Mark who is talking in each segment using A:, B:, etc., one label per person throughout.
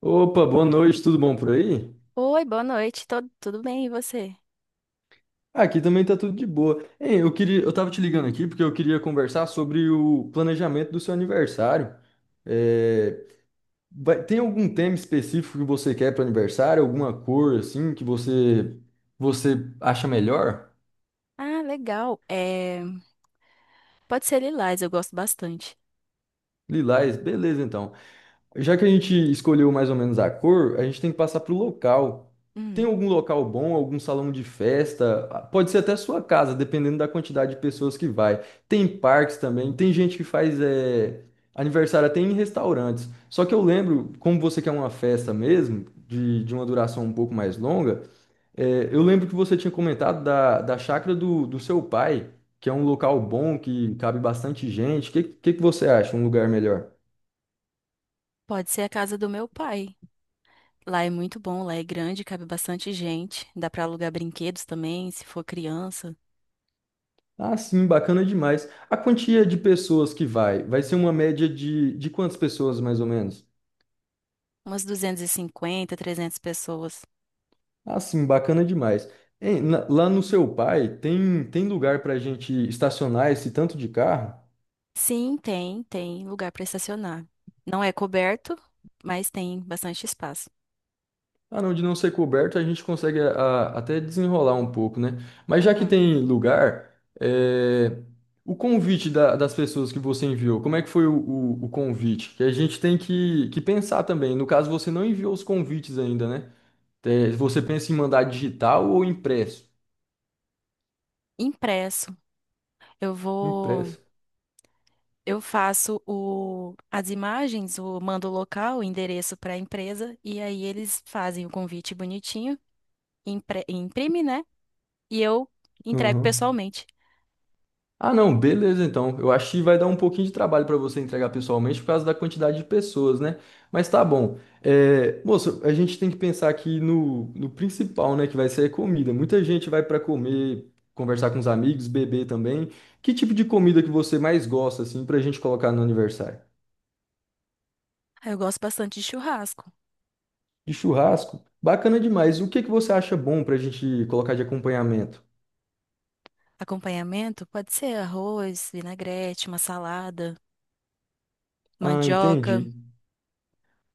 A: Opa, boa noite, tudo bom por aí?
B: Oi, boa noite. Tudo bem, e você?
A: Aqui também tá tudo de boa. Hein, eu tava te ligando aqui porque eu queria conversar sobre o planejamento do seu aniversário. É, Tem algum tema específico que você quer para aniversário? Alguma cor assim que você acha melhor?
B: Ah, legal. Pode ser lilás, eu gosto bastante.
A: Lilás, beleza então. Já que a gente escolheu mais ou menos a cor, a gente tem que passar pro local. Tem
B: Hum,
A: algum local bom, algum salão de festa? Ah, pode ser até sua casa, dependendo da quantidade de pessoas que vai. Tem parques também, tem gente que faz aniversário até em restaurantes. Só que eu lembro, como você quer uma festa mesmo, de uma duração um pouco mais longa, eu lembro que você tinha comentado da chácara do seu pai, que é um local bom, que cabe bastante gente. O que que você acha? Um lugar melhor?
B: pode ser a casa do meu pai. Lá é muito bom, lá é grande, cabe bastante gente. Dá pra alugar brinquedos também, se for criança.
A: Ah, sim, bacana demais. A quantia de pessoas que vai? Vai ser uma média de quantas pessoas, mais ou menos?
B: Umas duzentas e cinquenta, 300 pessoas.
A: Ah, sim, bacana demais. Hein, lá no seu pai, tem lugar para a gente estacionar esse tanto de carro?
B: Sim, tem lugar pra estacionar. Não é coberto, mas tem bastante espaço.
A: Ah, não, de não ser coberto, a gente consegue até desenrolar um pouco, né? Mas já que
B: Uhum.
A: tem lugar, é, o convite das pessoas que você enviou, como é que foi o convite? Que a gente tem que pensar também. No caso, você não enviou os convites ainda, né? Você pensa em mandar digital ou impresso?
B: Impresso. Eu vou.
A: Impresso.
B: Eu faço as imagens, o mando o local, o endereço para a empresa, e aí eles fazem o convite bonitinho, imprime, né? E eu entrego
A: Aham.
B: pessoalmente.
A: Ah, não, beleza então. Eu acho que vai dar um pouquinho de trabalho para você entregar pessoalmente por causa da quantidade de pessoas, né? Mas tá bom. Moço, a gente tem que pensar aqui no principal, né? Que vai ser a comida. Muita gente vai para comer, conversar com os amigos, beber também. Que tipo de comida que você mais gosta, assim, pra gente colocar no aniversário?
B: Ah, eu gosto bastante de churrasco.
A: De churrasco? Bacana demais. O que que você acha bom pra gente colocar de acompanhamento?
B: Acompanhamento pode ser arroz, vinagrete, uma salada,
A: Ah,
B: mandioca.
A: entendi.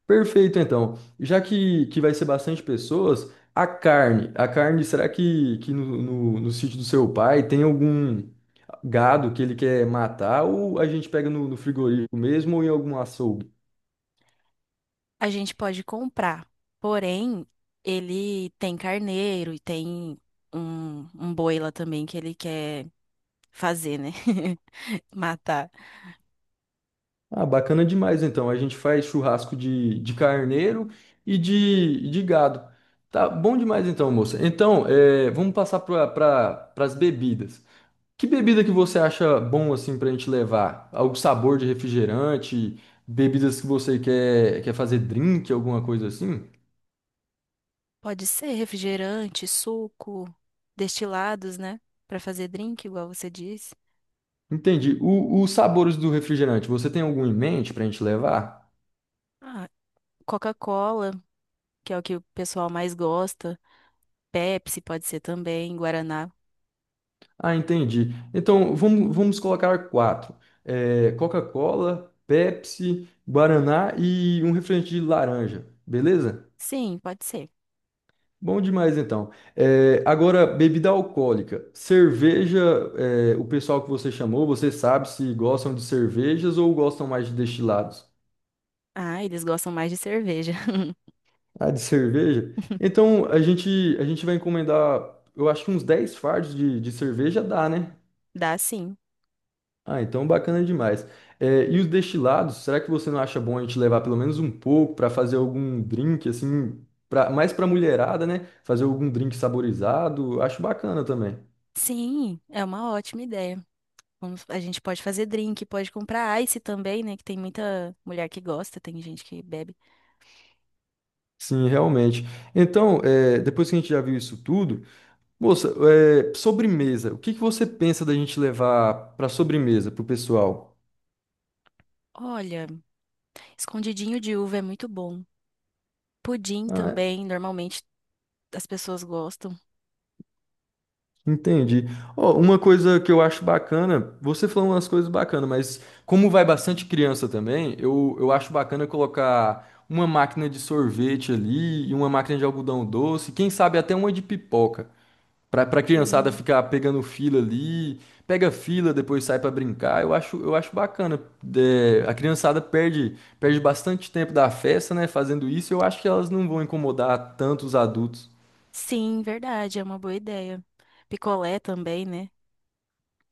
A: Perfeito, então. Já que vai ser bastante pessoas, a carne. A carne, será que no sítio do seu pai tem algum gado que ele quer matar? Ou a gente pega no frigorífico mesmo ou em algum açougue?
B: A gente pode comprar, porém, ele tem carneiro e tem um boi lá também que ele quer fazer, né? Matar.
A: Ah, bacana demais, então. A gente faz churrasco de carneiro e de gado. Tá bom demais, então, moça. Então, vamos passar para pra, as bebidas. Que bebida que você acha bom assim pra gente levar? Algum sabor de refrigerante? Bebidas que você quer fazer drink, alguma coisa assim?
B: Pode ser refrigerante, suco, destilados, né? Pra fazer drink, igual você disse.
A: Entendi. Os sabores do refrigerante, você tem algum em mente pra gente levar?
B: Ah, Coca-Cola, que é o que o pessoal mais gosta. Pepsi pode ser também, Guaraná.
A: Ah, entendi. Então vamos colocar quatro: Coca-Cola, Pepsi, Guaraná e um refrigerante de laranja, beleza?
B: Sim, pode ser.
A: Bom demais, então. Agora, bebida alcoólica. Cerveja, o pessoal que você chamou, você sabe se gostam de cervejas ou gostam mais de destilados?
B: Ah, eles gostam mais de cerveja.
A: Ah, de cerveja? Então, a gente vai encomendar, eu acho que uns 10 fardos de cerveja dá, né?
B: Dá sim.
A: Ah, então bacana demais. E os destilados, será que você não acha bom a gente levar pelo menos um pouco para fazer algum drink, assim, mais para mulherada, né? Fazer algum drink saborizado, acho bacana também.
B: Sim, é uma ótima ideia. A gente pode fazer drink, pode comprar ice também, né? Que tem muita mulher que gosta, tem gente que bebe.
A: Sim, realmente. Então, depois que a gente já viu isso tudo, moça, sobremesa. O que que você pensa da gente levar para sobremesa pro pessoal?
B: Olha, escondidinho de uva é muito bom. Pudim
A: Ah,
B: também, normalmente as pessoas gostam.
A: entendi. Ó, uma coisa que eu acho bacana, você falou umas coisas bacanas, mas como vai bastante criança também, eu acho bacana colocar uma máquina de sorvete ali e uma máquina de algodão doce, quem sabe até uma de pipoca. Pra criançada ficar pegando fila ali, pega fila, depois sai pra brincar. Eu acho bacana. A criançada perde bastante tempo da festa, né, fazendo isso. Eu acho que elas não vão incomodar tanto os adultos.
B: Sim, verdade, é uma boa ideia. Picolé também, né?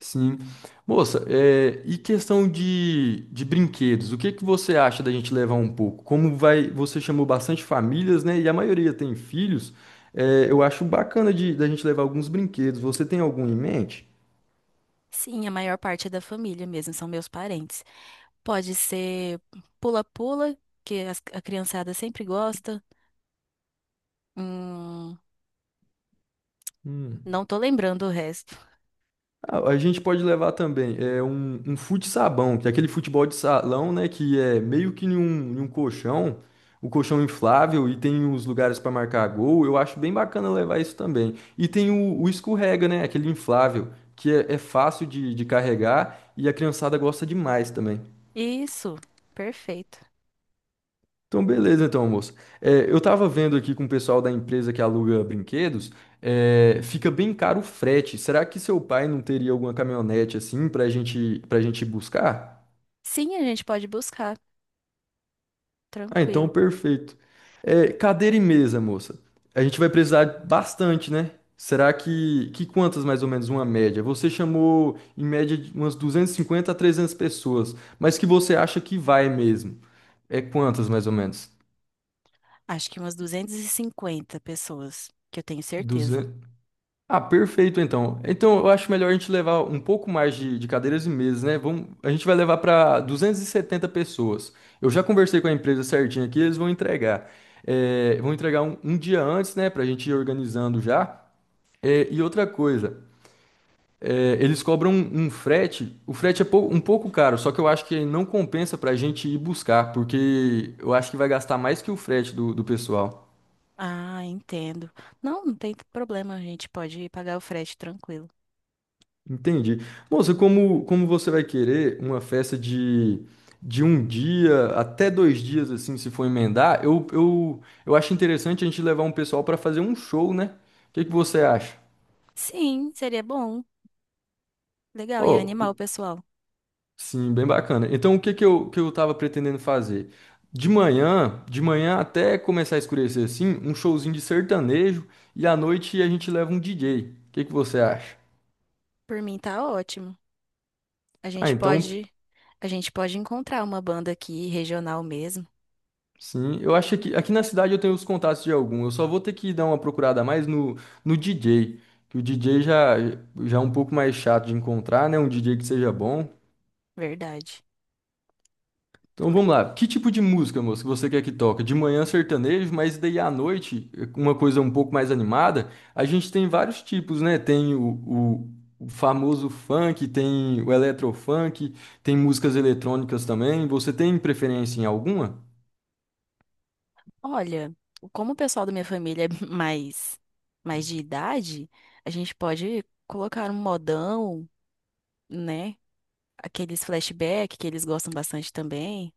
A: Sim. Moça, e questão de brinquedos, o que que você acha da gente levar um pouco? Como vai, você chamou bastante famílias, né, e a maioria tem filhos, eu acho bacana da gente levar alguns brinquedos. Você tem algum em mente?
B: Sim, a maior parte é da família mesmo, são meus parentes. Pode ser pula-pula, que a criançada sempre gosta. Hum,
A: Hum.
B: não tô lembrando o resto.
A: A gente pode levar também é um fute-sabão, que é aquele futebol de salão, né? Que é meio que em um colchão, o colchão inflável e tem os lugares para marcar gol. Eu acho bem bacana levar isso também. E tem o escorrega, né? Aquele inflável, que é fácil de carregar e a criançada gosta demais também.
B: Isso, perfeito.
A: Então, beleza, então, moço. Eu tava vendo aqui com o pessoal da empresa que aluga brinquedos, fica bem caro o frete. Será que seu pai não teria alguma caminhonete assim pra gente buscar?
B: Sim, a gente pode buscar,
A: Ah, então,
B: tranquilo.
A: perfeito. Cadeira e mesa, moça. A gente vai precisar bastante, né? Será que quantas mais ou menos uma média? Você chamou em média de umas 250 a 300 pessoas, mas que você acha que vai mesmo? É quantas mais ou menos?
B: Acho que umas 250 pessoas, que eu tenho certeza.
A: Ah, perfeito então. Então eu acho melhor a gente levar um pouco mais de cadeiras e mesas, né? Vamos, a gente vai levar para 270 pessoas. Eu já conversei com a empresa certinho aqui, eles vão entregar. Vão entregar um dia antes, né? Para a gente ir organizando já. E outra coisa, eles cobram um frete. O frete é um pouco caro, só que eu acho que não compensa para a gente ir buscar, porque eu acho que vai gastar mais que o frete do pessoal.
B: Ah, entendo. Não, não tem problema, a gente pode pagar o frete tranquilo.
A: Entendi. Moça, como você vai querer uma festa de um dia até 2 dias, assim, se for emendar, eu acho interessante a gente levar um pessoal para fazer um show, né? O que que você acha?
B: Sim, seria bom. Legal, e
A: Oh,
B: animal, pessoal.
A: sim, bem bacana. Então, o que que eu tava pretendendo fazer? De manhã até começar a escurecer, assim, um showzinho de sertanejo e à noite a gente leva um DJ. O que que você acha?
B: Por mim tá ótimo. A
A: Ah,
B: gente
A: então,
B: pode, a gente pode encontrar uma banda aqui regional mesmo,
A: sim, eu acho que aqui na cidade eu tenho os contatos de algum. Eu só vou ter que dar uma procurada a mais no DJ, que o DJ já é um pouco mais chato de encontrar, né? Um DJ que seja bom.
B: verdade.
A: Então
B: Mas,
A: vamos lá. Que tipo de música, moço, que você quer que toque? De manhã sertanejo, mas daí à noite, uma coisa um pouco mais animada. A gente tem vários tipos, né? Tem o famoso funk, tem o eletrofunk, tem músicas eletrônicas também. Você tem preferência em alguma?
B: olha, como o pessoal da minha família é mais de idade, a gente pode colocar um modão, né? Aqueles flashback que eles gostam bastante também.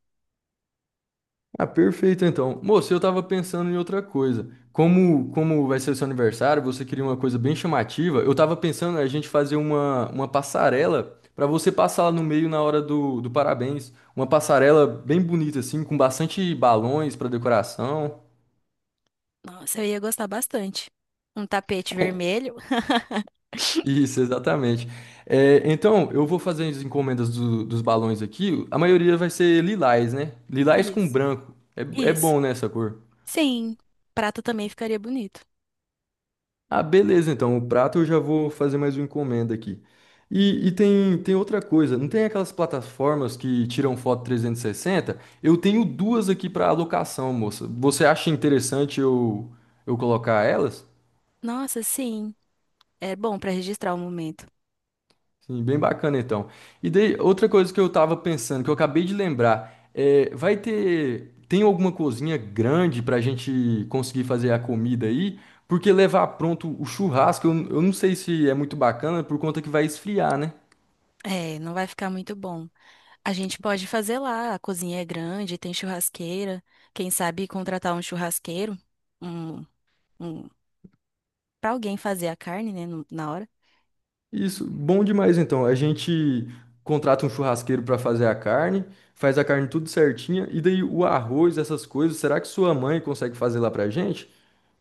A: Ah, perfeito então. Moço, eu tava pensando em outra coisa. Como vai ser o seu aniversário, você queria uma coisa bem chamativa. Eu tava pensando a gente fazer uma passarela pra você passar lá no meio na hora do parabéns. Uma passarela bem bonita, assim, com bastante balões pra decoração.
B: Nossa, eu ia gostar bastante. Um tapete vermelho.
A: Isso, exatamente. É, então, eu vou fazer as encomendas dos balões aqui. A maioria vai ser lilás, né? Lilás com
B: Isso.
A: branco. É
B: Isso.
A: bom, né, essa cor?
B: Sim, prato também ficaria bonito.
A: Ah, beleza, então o prato eu já vou fazer mais uma encomenda aqui. E tem, outra coisa, não tem aquelas plataformas que tiram foto 360? Eu tenho duas aqui para alocação, moça. Você acha interessante eu colocar elas?
B: Nossa, sim. É bom pra registrar o momento.
A: Sim, bem bacana então. E daí, outra coisa que eu tava pensando, que eu acabei de lembrar, tem alguma cozinha grande pra gente conseguir fazer a comida aí? Porque levar pronto o churrasco, eu não sei se é muito bacana por conta que vai esfriar, né?
B: É, não vai ficar muito bom. A gente pode fazer lá, a cozinha é grande, tem churrasqueira. Quem sabe contratar um churrasqueiro, um, um, para alguém fazer a carne, né, na hora.
A: Isso, bom demais então. A gente contrata um churrasqueiro para fazer a carne, faz a carne tudo certinha, e daí o arroz, essas coisas, será que sua mãe consegue fazer lá pra gente?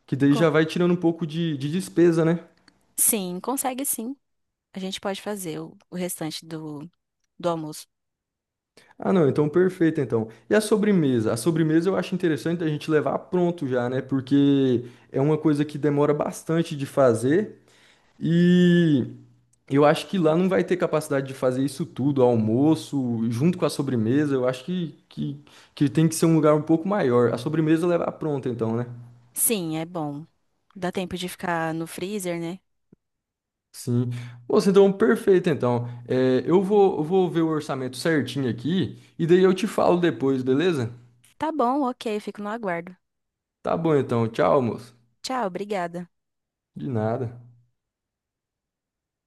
A: Que daí
B: Co-
A: já vai tirando um pouco de despesa, né?
B: sim, consegue sim. A gente pode fazer o restante do almoço.
A: Ah, não, então perfeito então. E a sobremesa? A sobremesa eu acho interessante a gente levar pronto já, né? Porque é uma coisa que demora bastante de fazer. E eu acho que lá não vai ter capacidade de fazer isso tudo, almoço, junto com a sobremesa. Eu acho que tem que ser um lugar um pouco maior. A sobremesa leva pronta, então, né?
B: Sim, é bom. Dá tempo de ficar no freezer, né?
A: Sim. Moça, então, perfeito, então. Eu vou ver o orçamento certinho aqui e daí eu te falo depois, beleza?
B: Tá bom, ok, fico no aguardo.
A: Tá bom, então. Tchau, moço.
B: Tchau, obrigada.
A: De nada.